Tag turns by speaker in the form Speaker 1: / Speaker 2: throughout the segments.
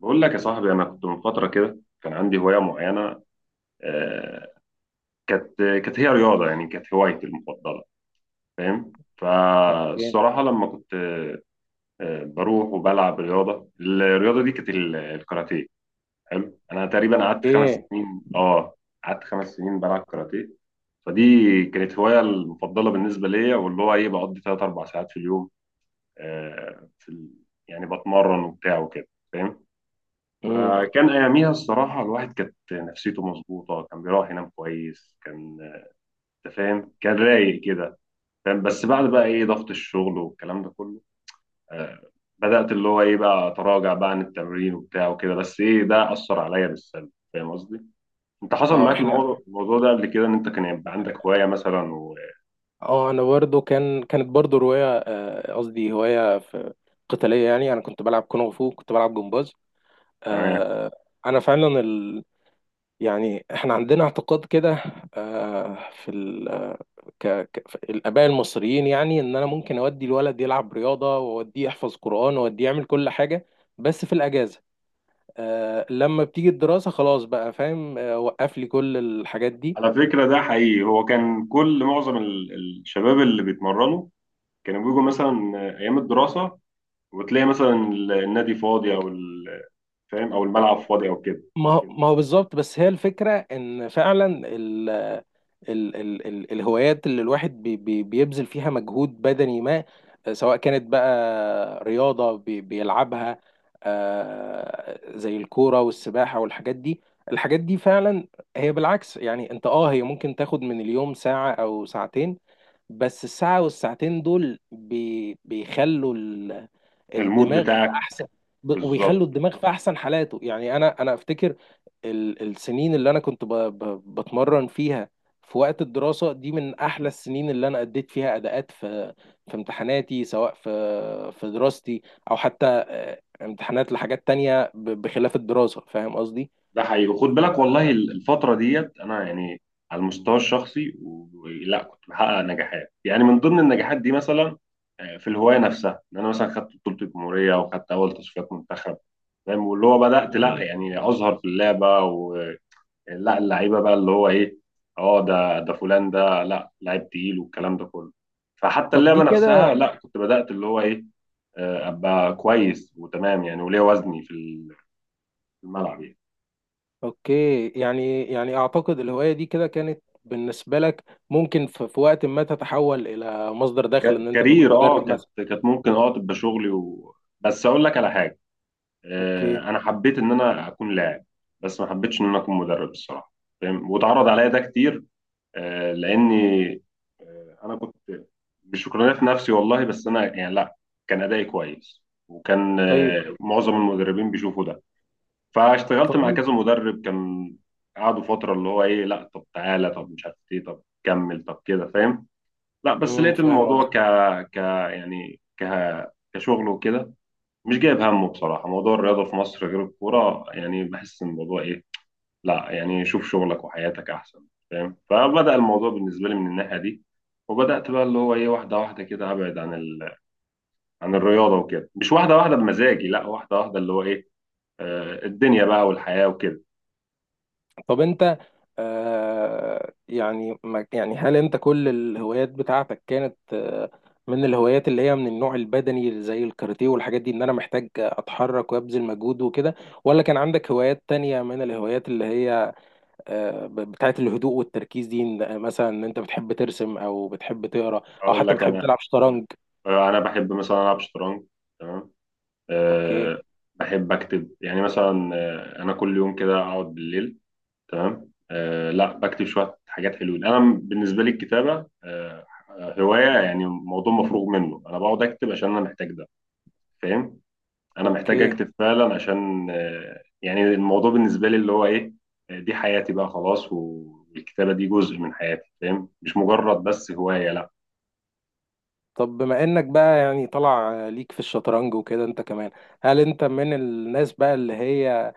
Speaker 1: بقول لك يا صاحبي، انا كنت من فتره كده كان عندي هوايه معينه. آه، كانت هي رياضه، يعني كانت هوايتي المفضله. فاهم؟
Speaker 2: اوكي،
Speaker 1: فالصراحه لما كنت بروح وبلعب رياضه، الرياضه دي كانت الكاراتيه. حلو. انا تقريبا قعدت خمس
Speaker 2: اوكي.
Speaker 1: سنين قعدت خمس سنين بلعب كاراتيه. فدي كانت هوايه المفضله بالنسبه ليا، واللي هو ايه، بقضي 3 4 ساعات في اليوم، آه، في ال- يعني بتمرن وبتاع وكده. فاهم؟
Speaker 2: امم
Speaker 1: فكان اياميها الصراحه الواحد كانت نفسيته مظبوطه، كان بيروح ينام كويس، كان انت فاهم كان رايق كده. فاهم؟ بس بعد بقى ايه ضغط الشغل والكلام ده كله، آه بدات اللي هو ايه بقى اتراجع بقى عن التمرين وبتاع وكده. بس ايه، ده اثر عليا بالسلب. فاهم قصدي؟ انت حصل
Speaker 2: اه
Speaker 1: معاك
Speaker 2: احنا،
Speaker 1: الموضوع ده قبل كده، ان انت كان يبقى عندك هوايه مثلا؟
Speaker 2: اه انا برضو كانت برضو رواية، قصدي هواية في قتالية. يعني انا كنت بلعب كونغ فو، كنت بلعب جمباز.
Speaker 1: وتمام.
Speaker 2: آه، انا فعلا يعني احنا عندنا اعتقاد كده، آه، في ال... ك... ك... في الآباء المصريين. يعني إن أنا ممكن أودي الولد يلعب رياضة، وأوديه يحفظ قرآن، وأوديه يعمل كل حاجة، بس في الأجازة. لما بتيجي الدراسة خلاص بقى، فاهم، وقف لي كل الحاجات دي.
Speaker 1: على فكره ده حقيقي، هو كان كل معظم الشباب اللي بيتمرنوا كانوا بيجوا مثلا ايام الدراسه، وتلاقي مثلا النادي فاضي او فاهم، او الملعب فاضي او كده.
Speaker 2: ما هو بالظبط، بس هي الفكرة إن فعلا ال- ال ال ال الهوايات اللي الواحد بي بي بيبذل فيها مجهود بدني ما، سواء كانت بقى رياضة بيلعبها، زي الكورة والسباحة والحاجات دي الحاجات دي فعلا هي بالعكس. يعني انت، هي ممكن تاخد من اليوم ساعة او ساعتين، بس الساعة والساعتين دول بيخلوا
Speaker 1: المود
Speaker 2: الدماغ في
Speaker 1: بتاعك
Speaker 2: احسن،
Speaker 1: بالظبط.
Speaker 2: ويخلوا الدماغ في احسن حالاته. يعني انا افتكر السنين اللي انا كنت بتمرن فيها في وقت الدراسة دي من أحلى السنين اللي أنا أديت فيها أداءات في امتحاناتي، سواء في دراستي، أو حتى امتحانات لحاجات تانية بخلاف الدراسة، فاهم قصدي؟
Speaker 1: ده حقيقي، وخد بالك والله الفتره ديت انا يعني على المستوى الشخصي لا كنت بحقق نجاحات. يعني من ضمن النجاحات دي مثلا في الهوايه نفسها، ان انا مثلا خدت بطوله الجمهوريه وخدت اول تصفيات منتخب. فاهم؟ واللي هو بدات لا
Speaker 2: مهم.
Speaker 1: يعني اظهر في اللعبه. لا اللعيبه بقى اللي هو ايه، اه ده فلان ده لا لعيب تقيل والكلام ده كله. فحتى
Speaker 2: طب
Speaker 1: اللعبه
Speaker 2: دي
Speaker 1: نفسها
Speaker 2: كده.
Speaker 1: لا كنت بدات اللي هو ايه ابقى كويس وتمام. يعني وليا وزني في في الملعب يعني.
Speaker 2: أوكي، يعني أعتقد الهواية دي كده كانت بالنسبة لك ممكن في وقت ما تتحول إلى مصدر دخل، إن أنت تبقى
Speaker 1: كارير،
Speaker 2: مدرب
Speaker 1: اه كانت
Speaker 2: مثلا.
Speaker 1: كانت ممكن اه تبقى شغلي و... بس اقول لك على حاجه.
Speaker 2: أوكي.
Speaker 1: انا حبيت ان انا اكون لاعب، بس ما حبيتش ان انا اكون مدرب الصراحه. فاهم؟ واتعرض عليا ده كتير. آه، لاني آه، انا كنت مش شكرانه في نفسي والله، بس انا يعني لا، كان ادائي كويس وكان
Speaker 2: طيب.
Speaker 1: معظم المدربين بيشوفوا ده.
Speaker 2: طب
Speaker 1: فاشتغلت مع كذا
Speaker 2: أنت-
Speaker 1: مدرب. كان قعدوا فتره اللي هو ايه، لا طب تعالى، طب مش عارف ايه، طب كمل، طب كده فاهم. لا بس
Speaker 2: مم،
Speaker 1: لقيت
Speaker 2: فاهم.
Speaker 1: الموضوع ك ك يعني كشغل وكده. مش جايب همه. بصراحة موضوع الرياضة في مصر غير الكورة، يعني بحس إن الموضوع إيه، لا يعني شوف شغلك وحياتك أحسن. فاهم؟ فبدأ الموضوع بالنسبة لي من الناحية دي. وبدأت بقى اللي هو إيه واحدة واحدة كده أبعد عن عن الرياضة وكده. مش واحدة واحدة بمزاجي، لا واحدة واحدة اللي هو إيه، الدنيا بقى والحياة وكده.
Speaker 2: طب انت، يعني، ما يعني هل انت كل الهوايات بتاعتك كانت من الهوايات اللي هي من النوع البدني زي الكاراتيه والحاجات دي، ان انا محتاج اتحرك وابذل مجهود وكده؟ ولا كان عندك هوايات تانية من الهوايات اللي هي بتاعت الهدوء والتركيز دي، مثلا ان انت بتحب ترسم او بتحب تقرا او
Speaker 1: أقول
Speaker 2: حتى
Speaker 1: لك
Speaker 2: بتحب
Speaker 1: أنا،
Speaker 2: تلعب شطرنج؟
Speaker 1: أنا بحب مثلا ألعب شطرنج. تمام.
Speaker 2: اوكي،
Speaker 1: آه بحب أكتب. يعني مثلا أنا كل يوم كده أقعد بالليل، تمام، لا بكتب شويه حاجات حلوين. انا بالنسبه لي الكتابه هوايه، يعني موضوع مفروغ منه. انا بقعد اكتب عشان انا محتاج ده. فاهم؟ انا محتاج
Speaker 2: اوكي.
Speaker 1: اكتب فعلا، عشان يعني الموضوع بالنسبه لي اللي هو ايه، دي حياتي بقى خلاص، والكتابه دي جزء من حياتي. فاهم؟ مش مجرد بس هوايه.
Speaker 2: طب بما انك بقى يعني طلع ليك في الشطرنج وكده، انت كمان هل انت من الناس بقى اللي هي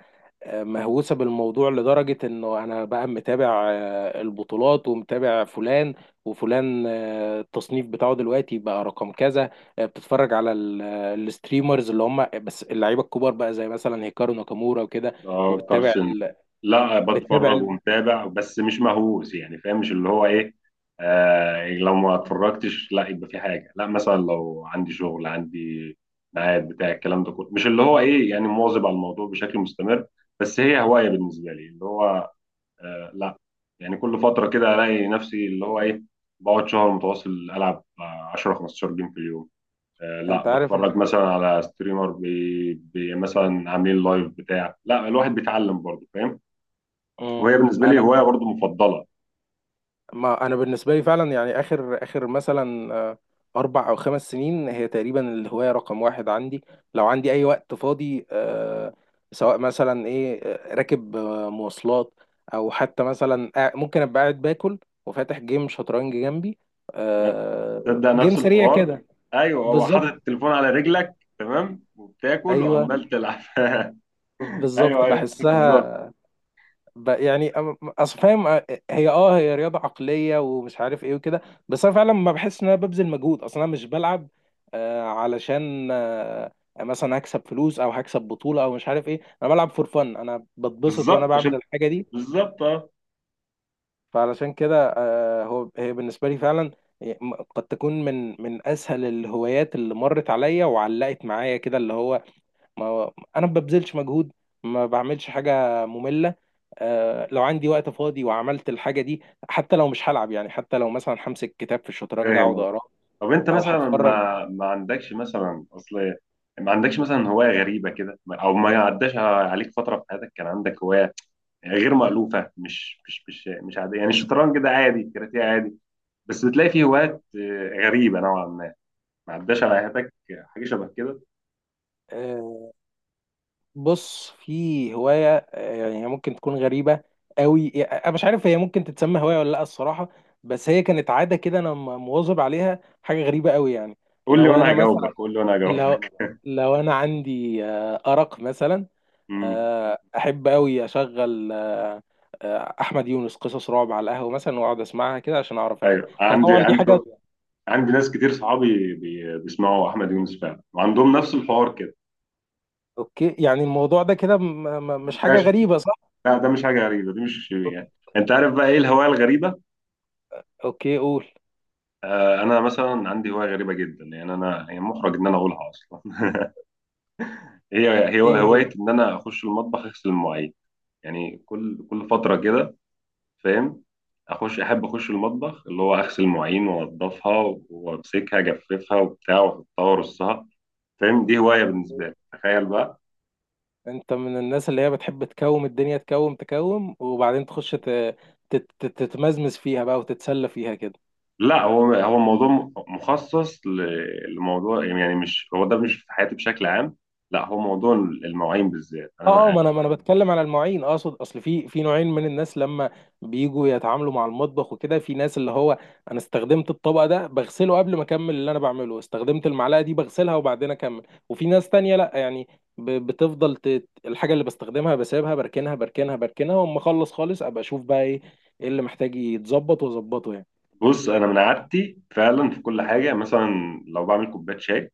Speaker 2: مهووسة بالموضوع لدرجة انه انا بقى متابع البطولات، ومتابع فلان وفلان، التصنيف بتاعه دلوقتي بقى رقم كذا، بتتفرج على الستريمرز اللي هم بس اللعيبة الكبار بقى، زي مثلا هيكارو ناكامورا وكده،
Speaker 1: اه
Speaker 2: وبتتابع
Speaker 1: كارسن.
Speaker 2: ال...
Speaker 1: لا
Speaker 2: بتتابع
Speaker 1: بتفرج
Speaker 2: ال...
Speaker 1: ومتابع، بس مش مهووس. يعني فاهم، مش اللي هو ايه. يعني لو ما اتفرجتش لا يبقى في حاجه. لا مثلا لو عندي شغل، عندي ميعاد بتاع الكلام ده كله. مش اللي هو ايه يعني مواظب على الموضوع بشكل مستمر. بس هي هوايه بالنسبه لي اللي هو لا، يعني كل فتره كده الاقي نفسي اللي هو ايه بقعد شهر متواصل العب 10 15 جيم في اليوم. لا
Speaker 2: انت عارف
Speaker 1: بتفرج مثلا على ستريمر بي بي مثلا عاملين لايف بتاع. لا الواحد بيتعلم برضه. فاهم؟
Speaker 2: مم.
Speaker 1: وهي بالنسبه لي
Speaker 2: انا
Speaker 1: هوايه برضه مفضله.
Speaker 2: ما انا بالنسبه لي فعلا، يعني اخر اخر مثلا 4 او 5 سنين هي تقريبا الهوايه رقم 1 عندي. لو عندي اي وقت فاضي، سواء مثلا ايه، راكب مواصلات، او حتى مثلا ممكن ابقى قاعد باكل وفاتح جيم شطرنج جنبي،
Speaker 1: ما تبدا
Speaker 2: جيم
Speaker 1: نفس
Speaker 2: سريع
Speaker 1: الحوار.
Speaker 2: كده.
Speaker 1: ايوه، هو حاطط
Speaker 2: بالظبط.
Speaker 1: التليفون على رجلك تمام وبتاكل
Speaker 2: ايوه،
Speaker 1: وعمال تلعب
Speaker 2: بالظبط،
Speaker 1: ايوه، ايوه، بالظبط.
Speaker 2: بحسها. يعني، اصل فاهم، هي رياضه عقليه ومش عارف ايه وكده، بس انا فعلا ما بحس ان انا ببذل مجهود اصلا. انا مش بلعب علشان مثلا هكسب فلوس او هكسب بطوله او مش عارف ايه، انا بلعب فور فن، انا بتبسط وانا
Speaker 1: بالظبط
Speaker 2: بعمل
Speaker 1: شفت.
Speaker 2: الحاجه دي.
Speaker 1: بالظبط اه.
Speaker 2: فعلشان كده، هي بالنسبه لي فعلا قد تكون من اسهل الهوايات اللي مرت عليا وعلقت معايا كده، اللي هو ما هو انا ما ببذلش مجهود، ما بعملش حاجه ممله. لو عندي وقت فاضي وعملت الحاجه دي، حتى لو مش هلعب، يعني حتى لو مثلا همسك كتاب في الشطرنج
Speaker 1: فاهم
Speaker 2: اقعد
Speaker 1: قصدي.
Speaker 2: اقراه،
Speaker 1: طب انت
Speaker 2: او
Speaker 1: مثلا
Speaker 2: هتفرج.
Speaker 1: ما عندكش مثلا اصل، ما عندكش مثلا هوايه غريبه كده؟ او ما عداش عليك فتره في حياتك كان عندك هوايه يعني غير مألوفة؟ مش عادية. يعني الشطرنج ده عادي، الكاراتيه عادي، بس بتلاقي فيه هوايات غريبة نوعا ما. ما عداش على حياتك حاجة شبه كده؟
Speaker 2: آه بص، في هوايه، يعني، هي ممكن تكون غريبه قوي، يعني انا مش عارف هي ممكن تتسمى هوايه ولا لا الصراحه، بس هي كانت عاده كده انا مواظب عليها، حاجه غريبه قوي يعني.
Speaker 1: قول لي
Speaker 2: لو
Speaker 1: وانا
Speaker 2: انا مثلا،
Speaker 1: هجاوبك. قول لي وانا هجاوبك.
Speaker 2: لو انا عندي ارق مثلا،
Speaker 1: امم
Speaker 2: آه، احب قوي اشغل احمد يونس قصص رعب على القهوه مثلا، واقعد اسمعها كده عشان اعرف انام.
Speaker 1: ايوه
Speaker 2: هي طبعا دي حاجه.
Speaker 1: عندي ناس كتير صحابي بيسمعوا احمد يونس فعلا، وعندهم نفس الحوار كده
Speaker 2: اوكي، يعني الموضوع ده كده مش حاجه
Speaker 1: منتشر.
Speaker 2: غريبه، صح؟
Speaker 1: لا ده مش حاجة غريبة. دي مش، يعني انت عارف بقى ايه الهواية الغريبة؟
Speaker 2: اوكي، قول.
Speaker 1: انا مثلا عندي هواية غريبة جدا. يعني انا يعني محرج ان انا اقولها اصلا هي
Speaker 2: ايه هي؟
Speaker 1: هواية ان انا اخش المطبخ اغسل المواعين. يعني كل فترة كده، فاهم، اخش، احب اخش المطبخ اللي هو اغسل المواعين وانضفها وامسكها اجففها وبتاع، واحطها وارصها. فاهم؟ دي هواية بالنسبة لي، تخيل بقى.
Speaker 2: انت من الناس اللي هي بتحب تكوم الدنيا تكوم تكوم، وبعدين تخش تتمزمز فيها بقى وتتسلى فيها كده؟
Speaker 1: لا هو الموضوع مخصص لموضوع يعني، مش هو ده مش في حياتي بشكل عام، لا هو موضوع المواعين بالذات انا
Speaker 2: اه، اه.
Speaker 1: بقى.
Speaker 2: ما انا بتكلم على المواعين، اقصد، اصل في نوعين من الناس لما بيجوا يتعاملوا مع المطبخ وكده. في ناس اللي هو انا استخدمت الطبق ده بغسله قبل ما اكمل اللي انا بعمله، استخدمت المعلقه دي بغسلها وبعدين اكمل. وفي ناس تانية لا، يعني بتفضل الحاجه اللي بستخدمها بسيبها، بركنها بركنها بركنها، واما اخلص خالص ابقى اشوف بقى ايه، اللي محتاج يتظبط واظبطه يعني.
Speaker 1: بص، انا من عادتي فعلا في كل حاجة مثلا لو بعمل كوباية شاي،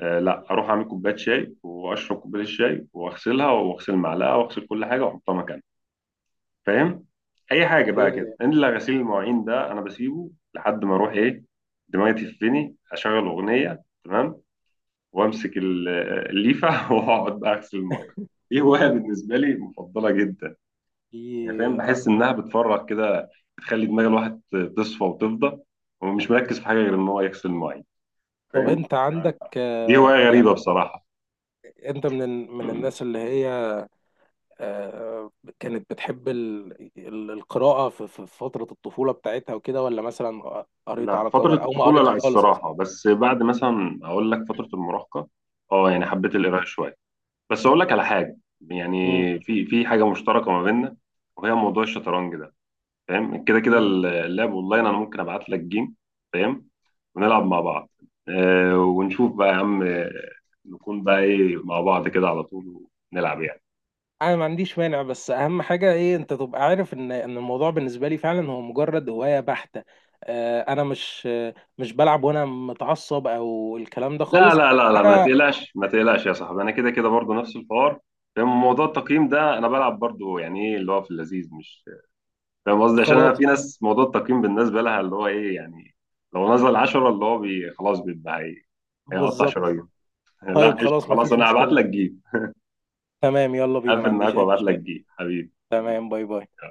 Speaker 1: لا اروح اعمل كوبايه شاي واشرب كوبايه الشاي واغسلها واغسل المعلقه واغسل كل حاجه واحطها مكانها. فاهم؟ اي حاجه
Speaker 2: اوكي.
Speaker 1: بقى كده، الا غسيل المواعين ده انا بسيبه لحد ما اروح ايه، دماغي تفني، اشغل اغنيه تمام، وامسك الليفه واقعد بقى اغسل المواعين. دي هوايه بالنسبه لي مفضله جدا.
Speaker 2: في
Speaker 1: يعني فاهم،
Speaker 2: آه،
Speaker 1: بحس انها بتفرغ كده، بتخلي دماغ الواحد تصفى وتفضى، ومش مركز في حاجه غير ان هو يغسل المواعين.
Speaker 2: طب
Speaker 1: فاهم؟
Speaker 2: انت عندك،
Speaker 1: دي هوايه
Speaker 2: يعني
Speaker 1: غريبه بصراحه.
Speaker 2: انت من من الناس اللي هي آه، كانت بتحب القراءة في فترة الطفولة بتاعتها وكده، ولا مثلا قريت
Speaker 1: لا
Speaker 2: على
Speaker 1: فترة
Speaker 2: كبر أو ما
Speaker 1: الطفولة لا
Speaker 2: قريتش خالص أصلا؟
Speaker 1: الصراحة. بس بعد مثلا أقول لك فترة المراهقة، أه يعني حبيت القراءة شوية. بس أقول لك على حاجة،
Speaker 2: مم.
Speaker 1: يعني في حاجة مشتركة ما بيننا، وهي موضوع الشطرنج ده. فاهم؟ كده كده
Speaker 2: مم.
Speaker 1: اللعب أونلاين. أنا ممكن أبعت لك جيم، فاهم، ونلعب مع بعض. أه ونشوف بقى يا عم، نكون بقى إيه مع بعض كده على طول ونلعب يعني.
Speaker 2: أنا ما عنديش مانع، بس أهم حاجة إيه، أنت تبقى عارف إن الموضوع بالنسبة لي فعلا هو مجرد هواية بحتة. أنا مش بلعب وأنا متعصب أو الكلام ده
Speaker 1: لا
Speaker 2: خالص.
Speaker 1: لا لا لا، ما
Speaker 2: أنا
Speaker 1: تقلقش ما تقلقش يا صاحبي. أنا كده كده برضه نفس الحوار. فاهم؟ موضوع التقييم ده أنا بلعب برضه، يعني إيه اللي هو في اللذيذ مش، فاهم قصدي؟ عشان انا
Speaker 2: خلاص.
Speaker 1: في ناس موضوع التقييم بالنسبه لها اللي هو ايه، يعني لو نزل 10 اللي هو بي خلاص بيبقى هي- هيقطع
Speaker 2: بالظبط.
Speaker 1: شرايين. لا
Speaker 2: طيب،
Speaker 1: قشطه،
Speaker 2: خلاص،
Speaker 1: خلاص
Speaker 2: مفيش
Speaker 1: انا هبعت
Speaker 2: مشكلة.
Speaker 1: لك جيب.
Speaker 2: تمام، يلا بينا، ما
Speaker 1: اقفل
Speaker 2: عنديش
Speaker 1: معاك
Speaker 2: أي
Speaker 1: وابعت لك
Speaker 2: مشكلة.
Speaker 1: جيب حبيبي.
Speaker 2: تمام. باي، باي.